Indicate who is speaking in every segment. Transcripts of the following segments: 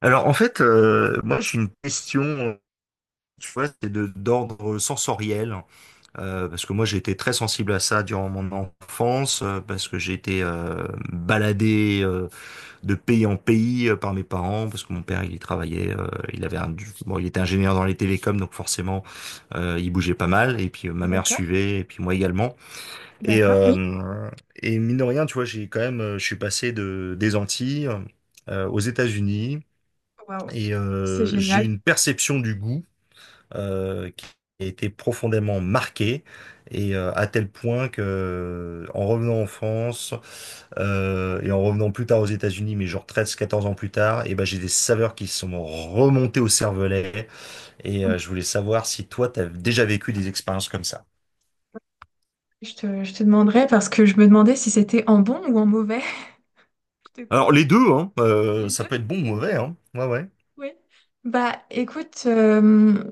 Speaker 1: Alors en fait, moi j'ai une question, tu vois, c'est de d'ordre sensoriel, parce que moi j'ai été très sensible à ça durant mon enfance, parce que j'ai été baladé de pays en pays par mes parents, parce que mon père il y travaillait, il avait un, bon, il était ingénieur dans les télécoms, donc forcément il bougeait pas mal, et puis ma mère
Speaker 2: D'accord,
Speaker 1: suivait, et puis moi également, et
Speaker 2: d'accord, oui.
Speaker 1: euh, et mine de rien, tu vois, j'ai quand même, je suis passé de des Antilles aux États-Unis.
Speaker 2: Waouh,
Speaker 1: Et
Speaker 2: c'est
Speaker 1: j'ai
Speaker 2: génial.
Speaker 1: une perception du goût qui a été profondément marquée, et à tel point que, en revenant en France et en revenant plus tard aux États-Unis, mais genre 13, 14 ans plus tard, et ben j'ai des saveurs qui sont remontées au cervelet. Et je voulais savoir si toi, tu as déjà vécu des expériences comme ça.
Speaker 2: Je te demanderais parce que je me demandais si c'était en bon ou en mauvais. Je te
Speaker 1: Alors
Speaker 2: coupe
Speaker 1: les deux, hein,
Speaker 2: les
Speaker 1: ça
Speaker 2: deux.
Speaker 1: peut être bon ou mauvais, hein. Ouais, ouais.
Speaker 2: Oui. Bah, écoute,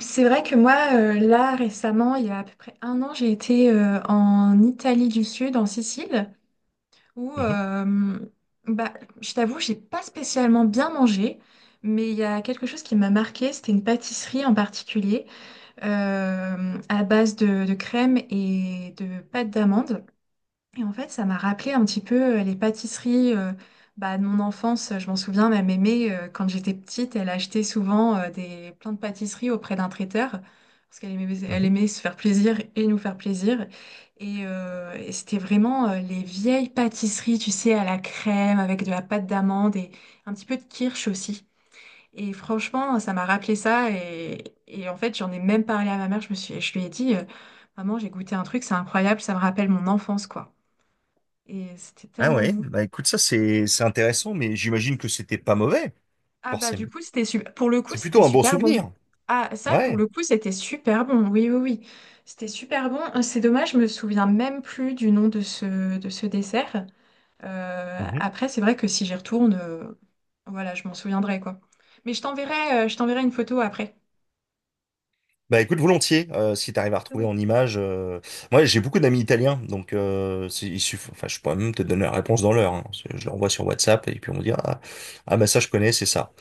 Speaker 2: c'est vrai que moi, là, récemment, il y a à peu près un an, j'ai été en Italie du Sud, en Sicile, où,
Speaker 1: Mhm,
Speaker 2: bah, je t'avoue, j'ai pas spécialement bien mangé, mais il y a quelque chose qui m'a marqué, c'était une pâtisserie en particulier, à base de crème et de pâte d'amande. Et en fait, ça m'a rappelé un petit peu les pâtisseries, bah, de mon enfance. Je m'en souviens, ma mémé, quand j'étais petite, elle achetait souvent plein de pâtisseries auprès d'un traiteur. Parce qu'elle aimait, elle
Speaker 1: mhm.
Speaker 2: aimait se faire plaisir et nous faire plaisir. Et c'était vraiment les vieilles pâtisseries, tu sais, à la crème, avec de la pâte d'amande et un petit peu de kirsch aussi. Et franchement, ça m'a rappelé ça. Et en fait, j'en ai même parlé à ma mère. Je lui ai dit, Maman, j'ai goûté un truc, c'est incroyable, ça me rappelle mon enfance, quoi. Et c'était
Speaker 1: Ah
Speaker 2: tellement
Speaker 1: ouais,
Speaker 2: bon.
Speaker 1: bah écoute, ça, c'est intéressant, mais j'imagine que c'était pas mauvais,
Speaker 2: Ah bah du
Speaker 1: forcément.
Speaker 2: coup, c'était super. Pour le coup,
Speaker 1: C'est
Speaker 2: c'était
Speaker 1: plutôt un bon
Speaker 2: super bon.
Speaker 1: souvenir.
Speaker 2: Ah, ça, pour
Speaker 1: Ouais.
Speaker 2: le coup, c'était super bon. Oui, oui, oui. C'était super bon. C'est dommage, je me souviens même plus du nom de ce dessert.
Speaker 1: Mhm.
Speaker 2: Après, c'est vrai que si j'y retourne, voilà, je m'en souviendrai, quoi. Mais je t'enverrai une photo après.
Speaker 1: Bah écoute, volontiers, si t'arrives à retrouver
Speaker 2: Oui.
Speaker 1: en images. Moi, j'ai beaucoup d'amis italiens, donc enfin, je pourrais même te donner la réponse dans l'heure, hein. Je leur envoie sur WhatsApp et puis on me dit ah, ah bah ça je connais, c'est ça.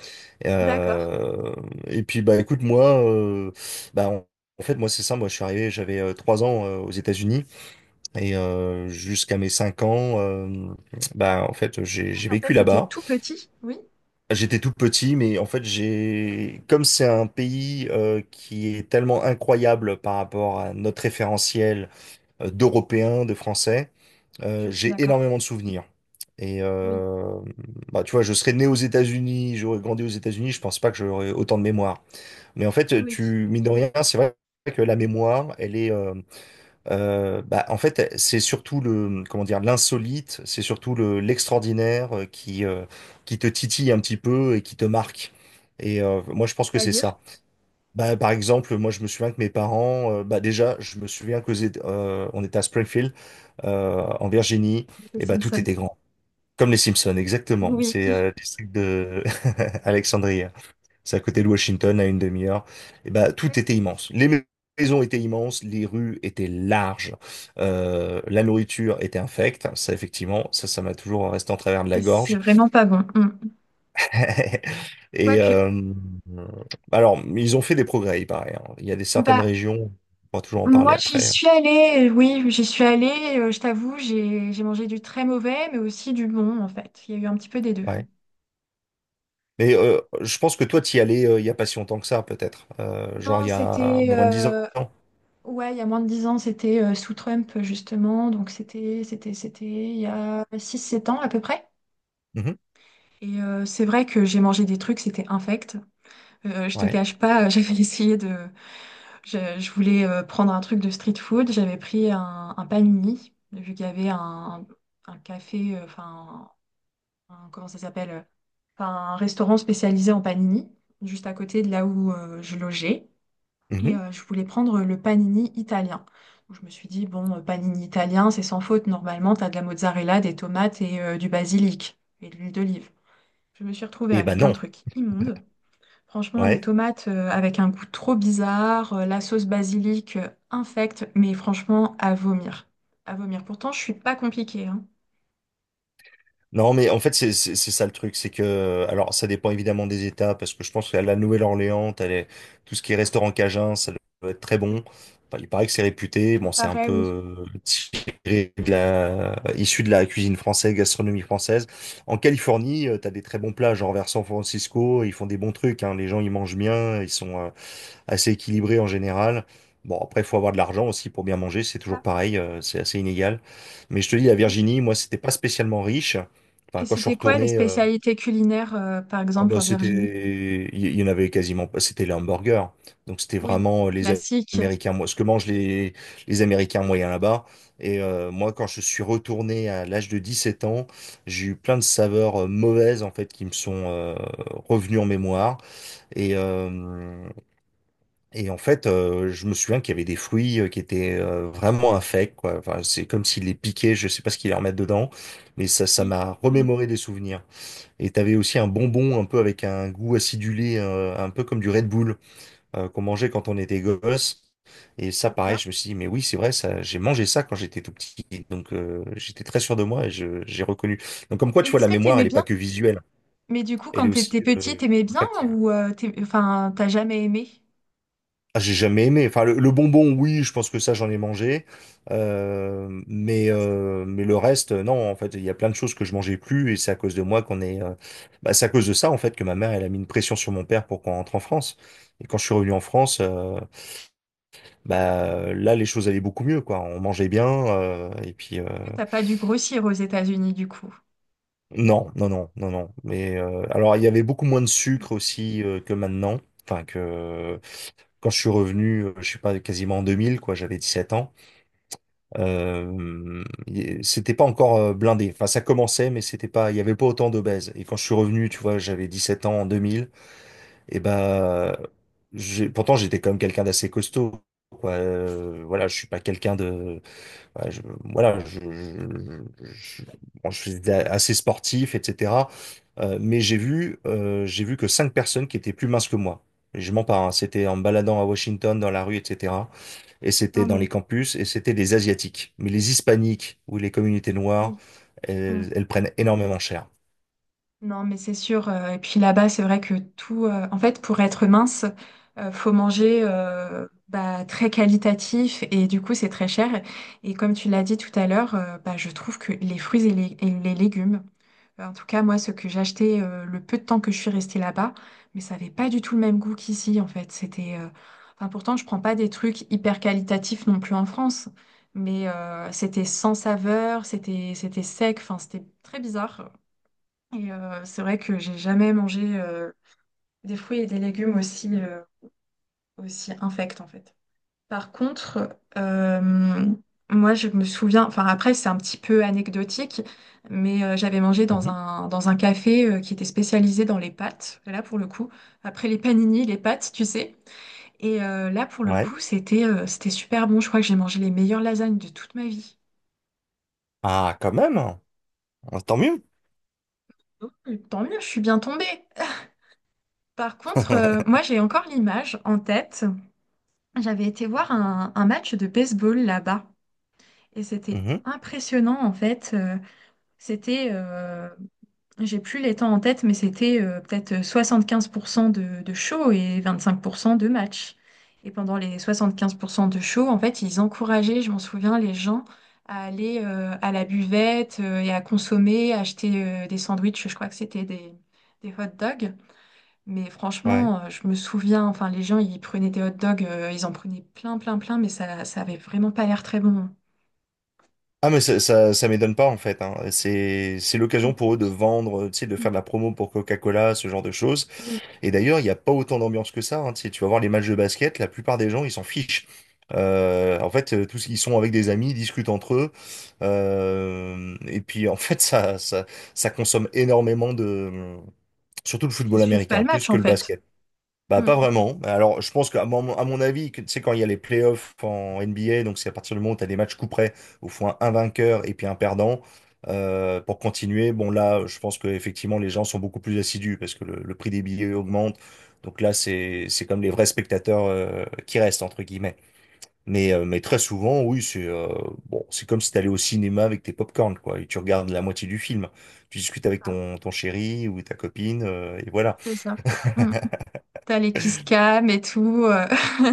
Speaker 2: D'accord.
Speaker 1: Euh, Et puis bah écoute, moi, bah en en fait moi c'est ça. Moi je suis arrivé, j'avais 3 ans aux États-Unis et jusqu'à mes 5 ans, bah en fait j'ai
Speaker 2: Oui,
Speaker 1: j'ai
Speaker 2: en fait,
Speaker 1: vécu
Speaker 2: c'était
Speaker 1: là-bas.
Speaker 2: tout petit. Oui,
Speaker 1: J'étais tout petit, mais en fait, j'ai, comme c'est un pays qui est tellement incroyable par rapport à notre référentiel d'Européens, de Français,
Speaker 2: je suis
Speaker 1: j'ai
Speaker 2: d'accord.
Speaker 1: énormément de souvenirs. Et
Speaker 2: Oui,
Speaker 1: bah, tu vois, je serais né aux États-Unis, j'aurais grandi aux États-Unis, je pense pas que j'aurais autant de mémoire. Mais en fait,
Speaker 2: oui.
Speaker 1: tu, mine de rien, c'est vrai que la mémoire, elle est, bah, en fait, c'est surtout le, comment dire, l'insolite, c'est surtout le, l'extraordinaire qui te titille un petit peu et qui te marque. Et moi, je pense que c'est
Speaker 2: C'est-à-dire
Speaker 1: ça. Bah, par exemple, moi, je me souviens que mes parents, bah, déjà, je me souviens que on était à Springfield, en Virginie,
Speaker 2: les
Speaker 1: et bah, tout
Speaker 2: Simpsons.
Speaker 1: était grand. Comme les Simpsons, exactement.
Speaker 2: Oui,
Speaker 1: C'est le district de Alexandrie. C'est à côté de Washington, à une demi-heure. Et ben, tout était immense. Les maisons étaient immenses, les rues étaient larges, la nourriture était infecte. Ça, effectivement, ça m'a toujours resté en travers de la
Speaker 2: oui, c'est
Speaker 1: gorge.
Speaker 2: vraiment pas bon. Mm.
Speaker 1: Et
Speaker 2: Quoique,
Speaker 1: alors, ils ont fait des progrès, il paraît, hein. Il y a des certaines
Speaker 2: bah,
Speaker 1: régions, on va toujours en
Speaker 2: moi,
Speaker 1: parler
Speaker 2: j'y
Speaker 1: après.
Speaker 2: suis allée. Oui, j'y suis allée. Je t'avoue, j'ai mangé du très mauvais, mais aussi du bon, en fait. Il y a eu un petit peu des deux.
Speaker 1: Ouais. Mais je pense que toi, t'y allais il y a pas si longtemps que ça, peut-être. Genre, il
Speaker 2: Non,
Speaker 1: y a
Speaker 2: c'était
Speaker 1: moins de 10 ans.
Speaker 2: ouais, il y a moins de 10 ans, c'était sous Trump justement, donc c'était il y a 6, 7 ans à peu près.
Speaker 1: Mhm.
Speaker 2: Et c'est vrai que j'ai mangé des trucs, c'était infect. Je te
Speaker 1: Ouais.
Speaker 2: cache pas, j'avais essayé de. Je voulais prendre un truc de street food. J'avais pris un panini, vu qu'il y avait un café, enfin, comment ça s'appelle? Enfin, un restaurant spécialisé en panini, juste à côté de là où je logeais. Et
Speaker 1: Mhm.
Speaker 2: je voulais prendre le panini italien. Donc, je me suis dit, bon, panini italien, c'est sans faute. Normalement, t'as de la mozzarella, des tomates et du basilic et de l'huile d'olive. Je me suis retrouvée
Speaker 1: Et ben
Speaker 2: avec un
Speaker 1: non.
Speaker 2: truc immonde. Franchement, des
Speaker 1: Ouais.
Speaker 2: tomates avec un goût trop bizarre, la sauce basilic infecte, mais franchement, à vomir. À vomir. Pourtant, je suis pas compliquée, hein.
Speaker 1: Non, mais en fait, c'est ça le truc, c'est que, alors, ça dépend évidemment des États, parce que je pense qu'à la Nouvelle-Orléans, tout ce qui est restaurant cajun, ça doit être très
Speaker 2: Oui,
Speaker 1: bon. Enfin, il paraît que c'est réputé,
Speaker 2: il
Speaker 1: bon, c'est un
Speaker 2: paraît, oui.
Speaker 1: peu tiré de la, issu de la cuisine française, gastronomie française. En Californie, t'as des très bons plats, genre vers San Francisco, ils font des bons trucs, hein. Les gens, ils mangent bien, ils sont, assez équilibré en général. Bon, après, il faut avoir de l'argent aussi pour bien manger, c'est toujours
Speaker 2: Ça.
Speaker 1: pareil, c'est assez inégal. Mais je te dis, la Virginie, moi, c'était pas spécialement riche. Enfin,
Speaker 2: Et
Speaker 1: quand je suis
Speaker 2: c'était quoi les
Speaker 1: retourné,
Speaker 2: spécialités culinaires, par
Speaker 1: oh,
Speaker 2: exemple,
Speaker 1: bah,
Speaker 2: en Virginie?
Speaker 1: c'était, il y en avait quasiment pas, c'était les hamburgers. Donc, c'était
Speaker 2: Oui,
Speaker 1: vraiment les
Speaker 2: classique.
Speaker 1: Américains, moi, ce que mangent les Américains moyens là-bas. Et moi, quand je suis retourné à l'âge de 17 ans, j'ai eu plein de saveurs mauvaises, en fait, qui me sont revenues en mémoire. Et, en fait, je me souviens qu'il y avait des fruits qui étaient vraiment infects, quoi. Enfin, c'est comme s'il les piquait. Je sais pas ce qu'ils leur mettent dedans, mais ça
Speaker 2: Oui.
Speaker 1: m'a
Speaker 2: Mm.
Speaker 1: remémoré des souvenirs. Et t'avais aussi un bonbon un peu avec un goût acidulé, un peu comme du Red Bull, qu'on mangeait quand on était gosse. Et ça, pareil, je
Speaker 2: D'accord.
Speaker 1: me suis dit, mais oui, c'est vrai, ça, j'ai mangé ça quand j'étais tout petit. Donc, j'étais très sûr de moi et j'ai reconnu. Donc, comme quoi,
Speaker 2: Et
Speaker 1: tu vois,
Speaker 2: est-ce
Speaker 1: la
Speaker 2: que
Speaker 1: mémoire, elle
Speaker 2: t'aimais
Speaker 1: est pas
Speaker 2: bien?
Speaker 1: que visuelle,
Speaker 2: Mais du coup,
Speaker 1: elle
Speaker 2: quand
Speaker 1: est aussi,
Speaker 2: t'étais petite, t'aimais bien
Speaker 1: olfactive.
Speaker 2: ou enfin, t'as jamais aimé?
Speaker 1: Ah, j'ai jamais aimé. Enfin, le bonbon, oui, je pense que ça, j'en ai mangé. Mais,
Speaker 2: Parce que
Speaker 1: mais le reste, non, en fait, il y a plein de choses que je mangeais plus et c'est à cause de moi qu'on est. Bah, c'est à cause de ça, en fait, que ma mère, elle a mis une pression sur mon père pour qu'on rentre en France. Et quand je suis revenu en France, bah, là, les choses allaient beaucoup mieux, quoi. On mangeait bien. Et puis,
Speaker 2: t'as pas dû grossir aux États-Unis, du coup.
Speaker 1: non, non, non, non, non. Mais alors, il y avait beaucoup moins de sucre aussi que maintenant. Enfin, que quand je suis revenu, je sais pas, quasiment en 2000, quoi, j'avais 17 ans. C'était pas encore blindé. Enfin, ça commençait, mais c'était pas, il y avait pas autant d'obèses. Et quand je suis revenu, tu vois, j'avais 17 ans en deux mille. Et ben, j'ai, pourtant, j'étais quand même quelqu'un d'assez costaud. Quoi. Voilà, je suis pas quelqu'un de, ouais, voilà, bon, je suis assez sportif, etc. Mais j'ai vu que 5 personnes qui étaient plus minces que moi. Et je mens pas, hein. C'était en me baladant à Washington dans la rue, etc., et c'était
Speaker 2: Non,
Speaker 1: dans
Speaker 2: mais
Speaker 1: les campus, et c'était des Asiatiques. Mais les Hispaniques ou les communautés noires,
Speaker 2: oui.
Speaker 1: elles, elles prennent énormément cher.
Speaker 2: Non, mais c'est sûr. Et puis là-bas, c'est vrai que tout. En fait, pour être mince, faut manger bah, très qualitatif et du coup, c'est très cher. Et comme tu l'as dit tout à l'heure, bah, je trouve que les fruits et les légumes, en tout cas, moi, ce que j'achetais le peu de temps que je suis restée là-bas, mais ça n'avait pas du tout le même goût qu'ici, en fait. C'était. Enfin, pourtant, je prends pas des trucs hyper qualitatifs non plus en France, mais c'était sans saveur, c'était sec. Enfin, c'était très bizarre. Et c'est vrai que j'ai jamais mangé des fruits et des légumes aussi, aussi infects en fait. Par contre, euh, moi je me souviens, enfin après c'est un petit peu anecdotique, mais j'avais mangé dans
Speaker 1: Mhm.
Speaker 2: un café qui était spécialisé dans les pâtes. Et là pour le coup, après les paninis, les pâtes, tu sais. Et là pour le
Speaker 1: Ouais.
Speaker 2: coup, c'était super bon. Je crois que j'ai mangé les meilleures lasagnes de toute ma vie.
Speaker 1: Ah, quand même. Ah, tant mieux.
Speaker 2: Donc, tant mieux, je suis bien tombée. Par contre, moi j'ai encore l'image en tête. J'avais été voir un match de baseball là-bas et c'était
Speaker 1: Mhm.
Speaker 2: impressionnant en fait. C'était, euh, j'ai plus les temps en tête, mais c'était peut-être 75% de show et 25% de match. Et pendant les 75% de show, en fait, ils encourageaient, je m'en souviens, les gens à aller à la buvette et à consommer, acheter des sandwichs, je crois que c'était des hot dogs. Mais
Speaker 1: Ouais.
Speaker 2: franchement, je me souviens, enfin, les gens, ils prenaient des hot dogs, ils en prenaient plein, plein, plein, mais ça avait vraiment pas l'air très bon.
Speaker 1: Ah, mais ça m'étonne pas, en fait, hein. C'est
Speaker 2: Mm.
Speaker 1: l'occasion pour eux de vendre, tu sais, de faire de la promo pour Coca-Cola, ce genre de choses.
Speaker 2: Oui.
Speaker 1: Et d'ailleurs, il n'y a pas autant d'ambiance que ça, hein. Tu sais, tu vas voir les matchs de basket, la plupart des gens, ils s'en fichent. En fait, tous ils sont avec des amis, ils discutent entre eux. Et puis, en fait, ça consomme énormément de, surtout le
Speaker 2: Ils
Speaker 1: football
Speaker 2: suivent pas le
Speaker 1: américain, plus
Speaker 2: match,
Speaker 1: que
Speaker 2: en
Speaker 1: le
Speaker 2: fait.
Speaker 1: basket. Bah,
Speaker 2: Mm.
Speaker 1: pas vraiment. Alors, je pense à mon avis, que, tu sais, quand il y a les playoffs en NBA, donc c'est à partir du moment où tu as des matchs coup près, au il un, vainqueur et puis un perdant, pour continuer, bon là, je pense que effectivement les gens sont beaucoup plus assidus parce que le prix des billets augmente. Donc là, c'est comme les vrais spectateurs, qui restent, entre guillemets. Mais, mais très souvent, oui, c'est bon, c'est comme si tu allais au cinéma avec tes pop-corn quoi, et tu regardes la moitié du film. Tu discutes avec
Speaker 2: Ah,
Speaker 1: ton chéri ou ta copine, et voilà.
Speaker 2: c'est ça. Mm. T'as les kiss cam et tout.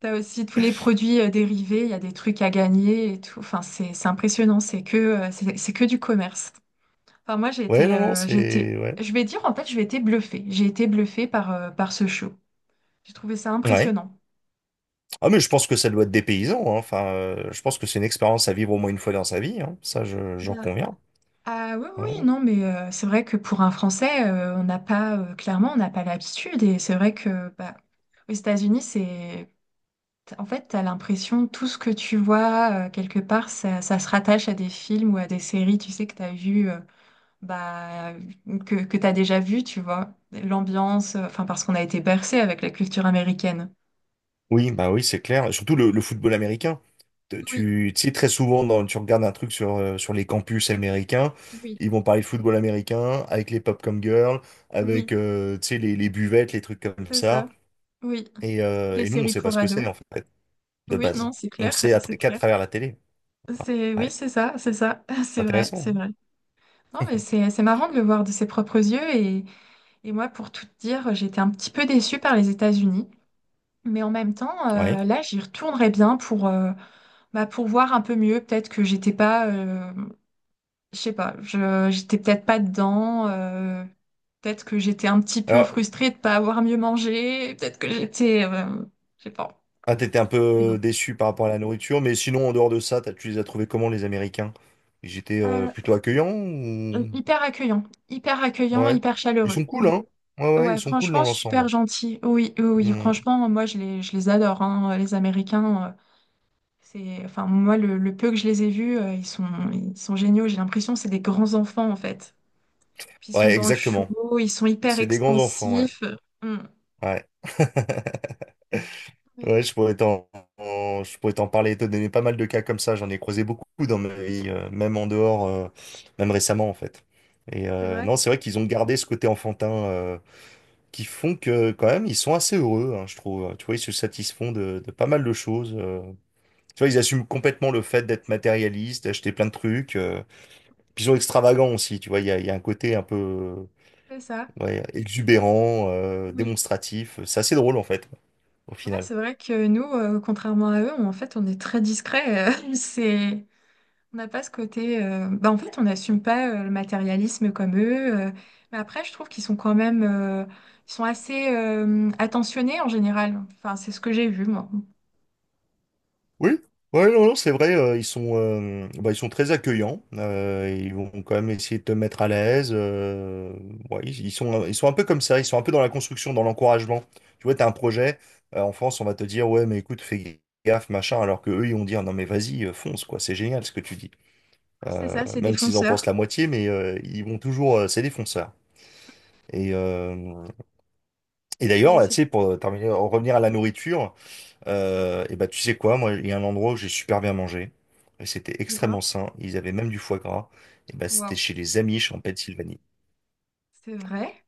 Speaker 2: T'as aussi tous les produits dérivés. Il y a des trucs à gagner et tout. Enfin, c'est impressionnant. C'est que du commerce. Enfin, moi, j'ai
Speaker 1: Ouais,
Speaker 2: été,
Speaker 1: non, non, c'est... Ouais.
Speaker 2: je vais dire, en fait, j'ai été bluffée. J'ai été bluffée par ce show. J'ai trouvé ça
Speaker 1: Ouais.
Speaker 2: impressionnant.
Speaker 1: Ah mais je pense que ça doit être des paysans, hein. Enfin, je pense que c'est une expérience à vivre au moins une fois dans sa vie, hein. Ça, j'en conviens.
Speaker 2: Ah oui, oui,
Speaker 1: Ouais.
Speaker 2: non, mais c'est vrai que pour un Français, on n'a pas, clairement, on n'a pas l'habitude. Et c'est vrai que bah, aux États-Unis, en fait, t'as l'impression, tout ce que tu vois, quelque part, ça se rattache à des films ou à des séries, tu sais, que t'as vu, bah, mmh, que t'as déjà vu, tu vois. L'ambiance, enfin, parce qu'on a été bercé avec la culture américaine.
Speaker 1: Oui, bah oui, c'est clair. Et surtout le football américain.
Speaker 2: Oui,
Speaker 1: Tu, tu sais, très souvent, dans, tu regardes un truc sur, sur les campus américains,
Speaker 2: oui,
Speaker 1: ils vont parler de football américain avec les pop comme girls, avec
Speaker 2: oui,
Speaker 1: tu sais, les buvettes, les trucs comme
Speaker 2: c'est ça.
Speaker 1: ça.
Speaker 2: Oui,
Speaker 1: Et,
Speaker 2: les
Speaker 1: nous, on
Speaker 2: séries
Speaker 1: sait pas
Speaker 2: pour
Speaker 1: ce que
Speaker 2: ados.
Speaker 1: c'est, en fait, de
Speaker 2: Oui, non,
Speaker 1: base.
Speaker 2: c'est
Speaker 1: On le
Speaker 2: clair,
Speaker 1: sait
Speaker 2: c'est
Speaker 1: qu'à
Speaker 2: clair.
Speaker 1: travers la télé.
Speaker 2: C'est oui,
Speaker 1: Ouais,
Speaker 2: c'est ça,
Speaker 1: c'est
Speaker 2: c'est vrai,
Speaker 1: intéressant,
Speaker 2: c'est vrai. Non, mais c'est marrant de le voir de ses propres yeux et moi, pour tout te dire, j'étais un petit peu déçue par les États-Unis, mais en même temps,
Speaker 1: hein. Ouais.
Speaker 2: là, j'y retournerais bien pour bah, pour voir un peu mieux. Peut-être que j'étais pas, je sais pas, je j'étais peut-être pas dedans. Peut-être que j'étais un petit peu
Speaker 1: Alors,
Speaker 2: frustrée de pas avoir mieux mangé. Peut-être que j'étais, je sais pas.
Speaker 1: ah, t'étais un peu
Speaker 2: Mais bon,
Speaker 1: déçu par rapport à la nourriture, mais sinon, en dehors de ça, tu les as trouvés comment, les Américains? Ils étaient
Speaker 2: Euh,
Speaker 1: plutôt accueillants ou...
Speaker 2: hyper accueillant, hyper accueillant,
Speaker 1: Ouais.
Speaker 2: hyper
Speaker 1: Ils
Speaker 2: chaleureux.
Speaker 1: sont cool,
Speaker 2: Oui.
Speaker 1: hein? Ouais, ouais, ils
Speaker 2: Ouais,
Speaker 1: sont cool dans
Speaker 2: franchement,
Speaker 1: l'ensemble.
Speaker 2: super gentil. Oui, oui, oui,
Speaker 1: Hmm.
Speaker 2: franchement, moi, je les adore, hein, les Américains. Enfin, moi, le peu que je les ai vus, ils sont géniaux. J'ai l'impression que c'est des grands enfants, en fait. Puis ils sont
Speaker 1: Ouais,
Speaker 2: dans le show,
Speaker 1: exactement.
Speaker 2: ils sont hyper
Speaker 1: C'est des grands enfants, ouais.
Speaker 2: expansifs. Mm.
Speaker 1: Ouais.
Speaker 2: Oui,
Speaker 1: Ouais, je pourrais t'en parler, et te donner pas mal de cas comme ça. J'en ai croisé beaucoup dans ma vie, même en dehors, même récemment, en fait.
Speaker 2: c'est vrai,
Speaker 1: Non, c'est vrai qu'ils ont gardé ce côté enfantin qui font que quand même ils sont assez heureux, hein, je trouve. Tu vois, ils se satisfont de pas mal de choses. Tu vois, ils assument complètement le fait d'être matérialiste, d'acheter plein de trucs. Puis ils sont extravagants aussi, tu vois, il y a un côté un peu
Speaker 2: c'est ça.
Speaker 1: ouais, exubérant,
Speaker 2: Oui.
Speaker 1: démonstratif. C'est assez drôle en fait, au
Speaker 2: Ouais,
Speaker 1: final.
Speaker 2: c'est vrai que nous, contrairement à eux, en fait, on est très discret. c'est, On n'a pas ce côté. Bah, en fait, on n'assume pas le matérialisme comme eux. Mais après, je trouve qu'ils sont quand même. Ils sont assez attentionnés en général. Enfin, c'est ce que j'ai vu, moi.
Speaker 1: Oui, ouais, non, non, c'est vrai, bah, ils sont très accueillants. Ils vont quand même essayer de te mettre à l'aise. Ouais, ils sont un peu comme ça. Ils sont un peu dans la construction, dans l'encouragement. Tu vois, t'as un projet. En France, on va te dire, ouais, mais écoute, fais gaffe, machin. Alors que eux, ils vont dire, non, mais vas-y, fonce, quoi. C'est génial ce que tu dis.
Speaker 2: C'est ça, c'est
Speaker 1: Même s'ils en pensent la
Speaker 2: défonceur.
Speaker 1: moitié, mais c'est des fonceurs. Et, euh, et d'ailleurs,
Speaker 2: C'est
Speaker 1: là,
Speaker 2: c'est
Speaker 1: tu
Speaker 2: très
Speaker 1: sais, pour terminer, en revenir à la nourriture. Et bah tu sais quoi, moi il y a un endroit où j'ai super bien mangé. Et c'était
Speaker 2: dis-moi.
Speaker 1: extrêmement sain. Ils avaient même du foie gras. Et bah c'était
Speaker 2: Waouh.
Speaker 1: chez les Amish en Pennsylvanie.
Speaker 2: C'est vrai?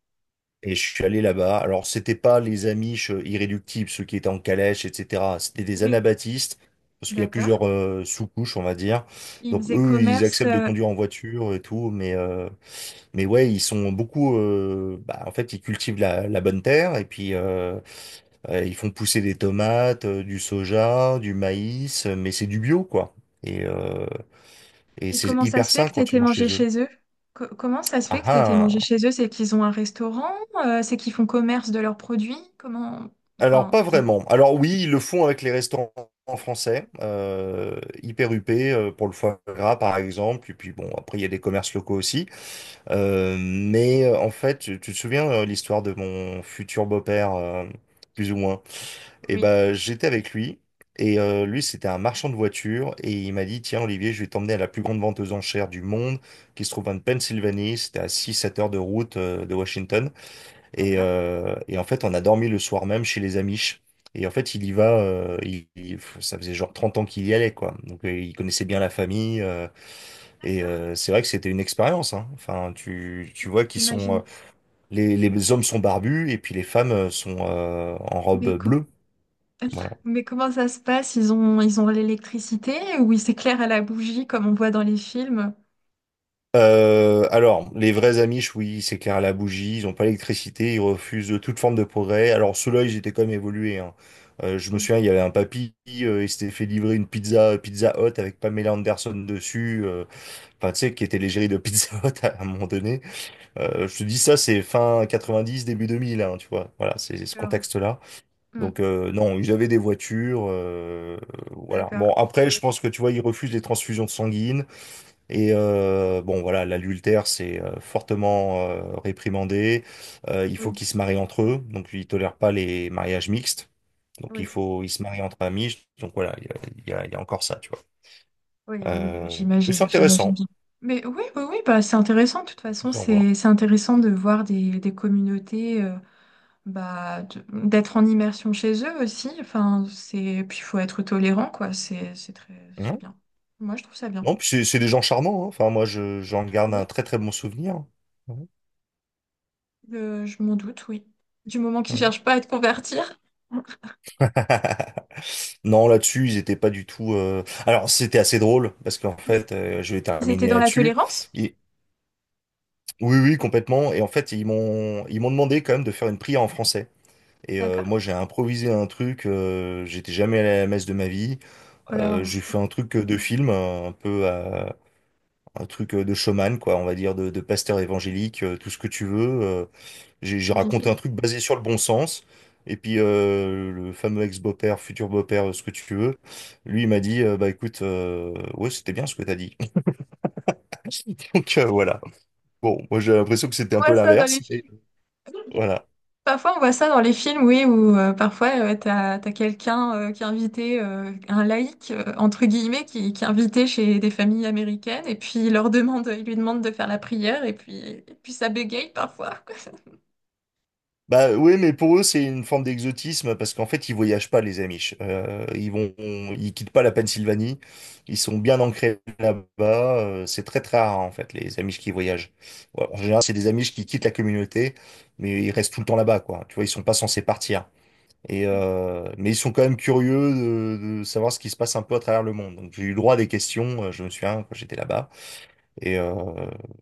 Speaker 1: Et je suis allé
Speaker 2: Ouais.
Speaker 1: là-bas. Alors c'était pas les Amish irréductibles, ceux qui étaient en calèche, etc. C'était des
Speaker 2: Oui.
Speaker 1: anabaptistes. Parce qu'il y a
Speaker 2: D'accord.
Speaker 1: plusieurs sous-couches, on va dire.
Speaker 2: Ils
Speaker 1: Donc
Speaker 2: faisaient
Speaker 1: eux, ils
Speaker 2: commerce.
Speaker 1: acceptent de
Speaker 2: euh,
Speaker 1: conduire en voiture et tout, mais ouais, ils sont beaucoup. Bah, en fait, ils cultivent la bonne terre et puis ils font pousser des tomates, du soja, du maïs, mais c'est du bio, quoi. Et, euh, et
Speaker 2: Et
Speaker 1: c'est
Speaker 2: comment ça se
Speaker 1: hyper
Speaker 2: fait
Speaker 1: sain
Speaker 2: que tu
Speaker 1: quand tu
Speaker 2: étais
Speaker 1: manges
Speaker 2: mangé
Speaker 1: chez eux.
Speaker 2: chez eux? Comment ça se fait
Speaker 1: Ah
Speaker 2: que tu étais mangé
Speaker 1: ah.
Speaker 2: chez eux? C'est qu'ils ont un restaurant? C'est qu'ils font commerce de leurs produits? Comment.
Speaker 1: Alors,
Speaker 2: Enfin.
Speaker 1: pas vraiment. Alors oui, ils le font avec les restaurants français, hyper huppés, pour le foie gras par exemple, et puis bon, après il y a des commerces locaux aussi. Mais en fait, tu te souviens l'histoire de mon futur beau-père, plus ou moins? Et
Speaker 2: Oui.
Speaker 1: ben, j'étais avec lui, et lui c'était un marchand de voitures, et il m'a dit, tiens Olivier, je vais t'emmener à la plus grande vente aux enchères du monde, qui se trouve en Pennsylvanie, c'était à 6 7 heures de route de Washington.
Speaker 2: D'accord.
Speaker 1: Et en fait, on a dormi le soir même chez les Amish. Et en fait, il y va, ça faisait genre 30 ans qu'il y allait, quoi. Donc, il connaissait bien la famille.
Speaker 2: D'accord.
Speaker 1: C'est vrai que c'était une expérience, hein. Enfin, tu vois qu'ils sont...
Speaker 2: J'imagine.
Speaker 1: les hommes sont barbus et puis les femmes sont en
Speaker 2: Mais,
Speaker 1: robe
Speaker 2: co-
Speaker 1: bleue. Voilà.
Speaker 2: mais comment ça se passe? Ils ont l'électricité ou ils s'éclairent à la bougie comme on voit dans les films?
Speaker 1: Alors, les vrais Amish, oui, c'est clair à la bougie, ils n'ont pas l'électricité, ils refusent toute forme de progrès. Alors, ceux-là, ils étaient quand même évolués, hein. Je me
Speaker 2: Oui,
Speaker 1: souviens, il y avait un papy, il s'était fait livrer une pizza, Pizza Hut avec Pamela Anderson dessus, enfin, tu sais, qui était l'égérie de Pizza Hut à un moment donné. Je te dis ça, c'est fin 90, début 2000, hein, tu vois. Voilà, c'est ce
Speaker 2: d'accord.
Speaker 1: contexte-là.
Speaker 2: Hmm,
Speaker 1: Donc, non, ils avaient des voitures, voilà. Bon,
Speaker 2: d'accord.
Speaker 1: après, je pense que, tu vois, ils refusent les transfusions sanguines. Bon, voilà, l'adultère, c'est fortement réprimandé. Il faut
Speaker 2: Oui,
Speaker 1: qu'ils se marient entre eux, donc ils tolèrent pas les mariages mixtes. Donc il
Speaker 2: oui,
Speaker 1: faut, ils se marient entre amis. Donc voilà, il y a encore ça, tu vois.
Speaker 2: oui, oui, oui,
Speaker 1: Mais c'est
Speaker 2: j'imagine, j'imagine
Speaker 1: intéressant.
Speaker 2: bien. Mais oui, oui, oui, bah, c'est intéressant. De toute façon,
Speaker 1: C'est à voir.
Speaker 2: c'est intéressant de voir des communautés, bah, d'être en immersion chez eux aussi. Enfin, puis il faut être tolérant, quoi. C'est
Speaker 1: Hein.
Speaker 2: bien. Moi, je trouve ça bien.
Speaker 1: Non, puis c'est des gens charmants, hein. Enfin, moi, j'en garde un très très bon souvenir. Mhm.
Speaker 2: Je m'en doute, oui. Du moment qu'ils
Speaker 1: Mhm.
Speaker 2: cherchent pas à te convertir.
Speaker 1: Non, là-dessus, ils étaient pas du tout. Alors, c'était assez drôle parce qu'en
Speaker 2: Est-ce
Speaker 1: fait, je vais
Speaker 2: qu'ils étaient
Speaker 1: terminer
Speaker 2: dans la
Speaker 1: là-dessus.
Speaker 2: tolérance?
Speaker 1: Oui, oui, complètement. Et en fait, ils m'ont demandé quand même de faire une prière en français.
Speaker 2: D'accord.
Speaker 1: Moi, j'ai improvisé un truc. J'étais jamais allé à la messe de ma vie.
Speaker 2: Alors,
Speaker 1: J'ai fait un truc de film, un truc de showman, quoi. On va dire de pasteur évangélique, tout ce que tu veux. J'ai
Speaker 2: on vit ça.
Speaker 1: raconté un truc basé sur le bon sens. Et puis le fameux ex-beau-père, futur beau-père, ce que tu veux, lui, il m'a dit, bah écoute, ouais, c'était bien ce que t'as dit. Donc voilà. Bon, moi, j'ai l'impression
Speaker 2: On
Speaker 1: que c'était un peu
Speaker 2: voit ça dans les
Speaker 1: l'inverse, mais
Speaker 2: films.
Speaker 1: voilà.
Speaker 2: Parfois, on voit ça dans les films, oui, où parfois, t'as quelqu'un qui est invité, un laïc, entre guillemets, qui est invité chez des familles américaines, et puis il leur demande, il lui demande de faire la prière, et puis ça bégaye parfois, quoi.
Speaker 1: Bah oui, mais pour eux, c'est une forme d'exotisme parce qu'en fait, ils voyagent pas, les Amish. Ils quittent pas la Pennsylvanie. Ils sont bien ancrés là-bas. C'est très très rare en fait les Amish qui voyagent. Ouais, en général, c'est des Amish qui quittent la communauté, mais ils restent tout le temps là-bas, quoi. Tu vois, ils sont pas censés partir.
Speaker 2: Oui,
Speaker 1: Mais ils sont quand même curieux de savoir ce qui se passe un peu à travers le monde. Donc j'ai eu le droit à des questions. Je me souviens quand j'étais là-bas. Et euh,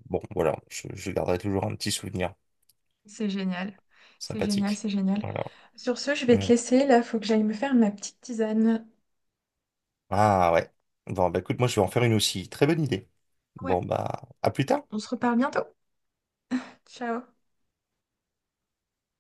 Speaker 1: bon, voilà, je garderai toujours un petit souvenir
Speaker 2: c'est génial. C'est génial,
Speaker 1: sympathique.
Speaker 2: c'est génial.
Speaker 1: Voilà.
Speaker 2: Sur ce, je vais te
Speaker 1: Mm.
Speaker 2: laisser, là, faut que j'aille me faire ma petite tisane.
Speaker 1: Ah ouais. Bon, bah écoute, moi je vais en faire une aussi. Très bonne idée.
Speaker 2: Ouais.
Speaker 1: Bon, bah, à plus tard.
Speaker 2: On se reparle bientôt. Ciao.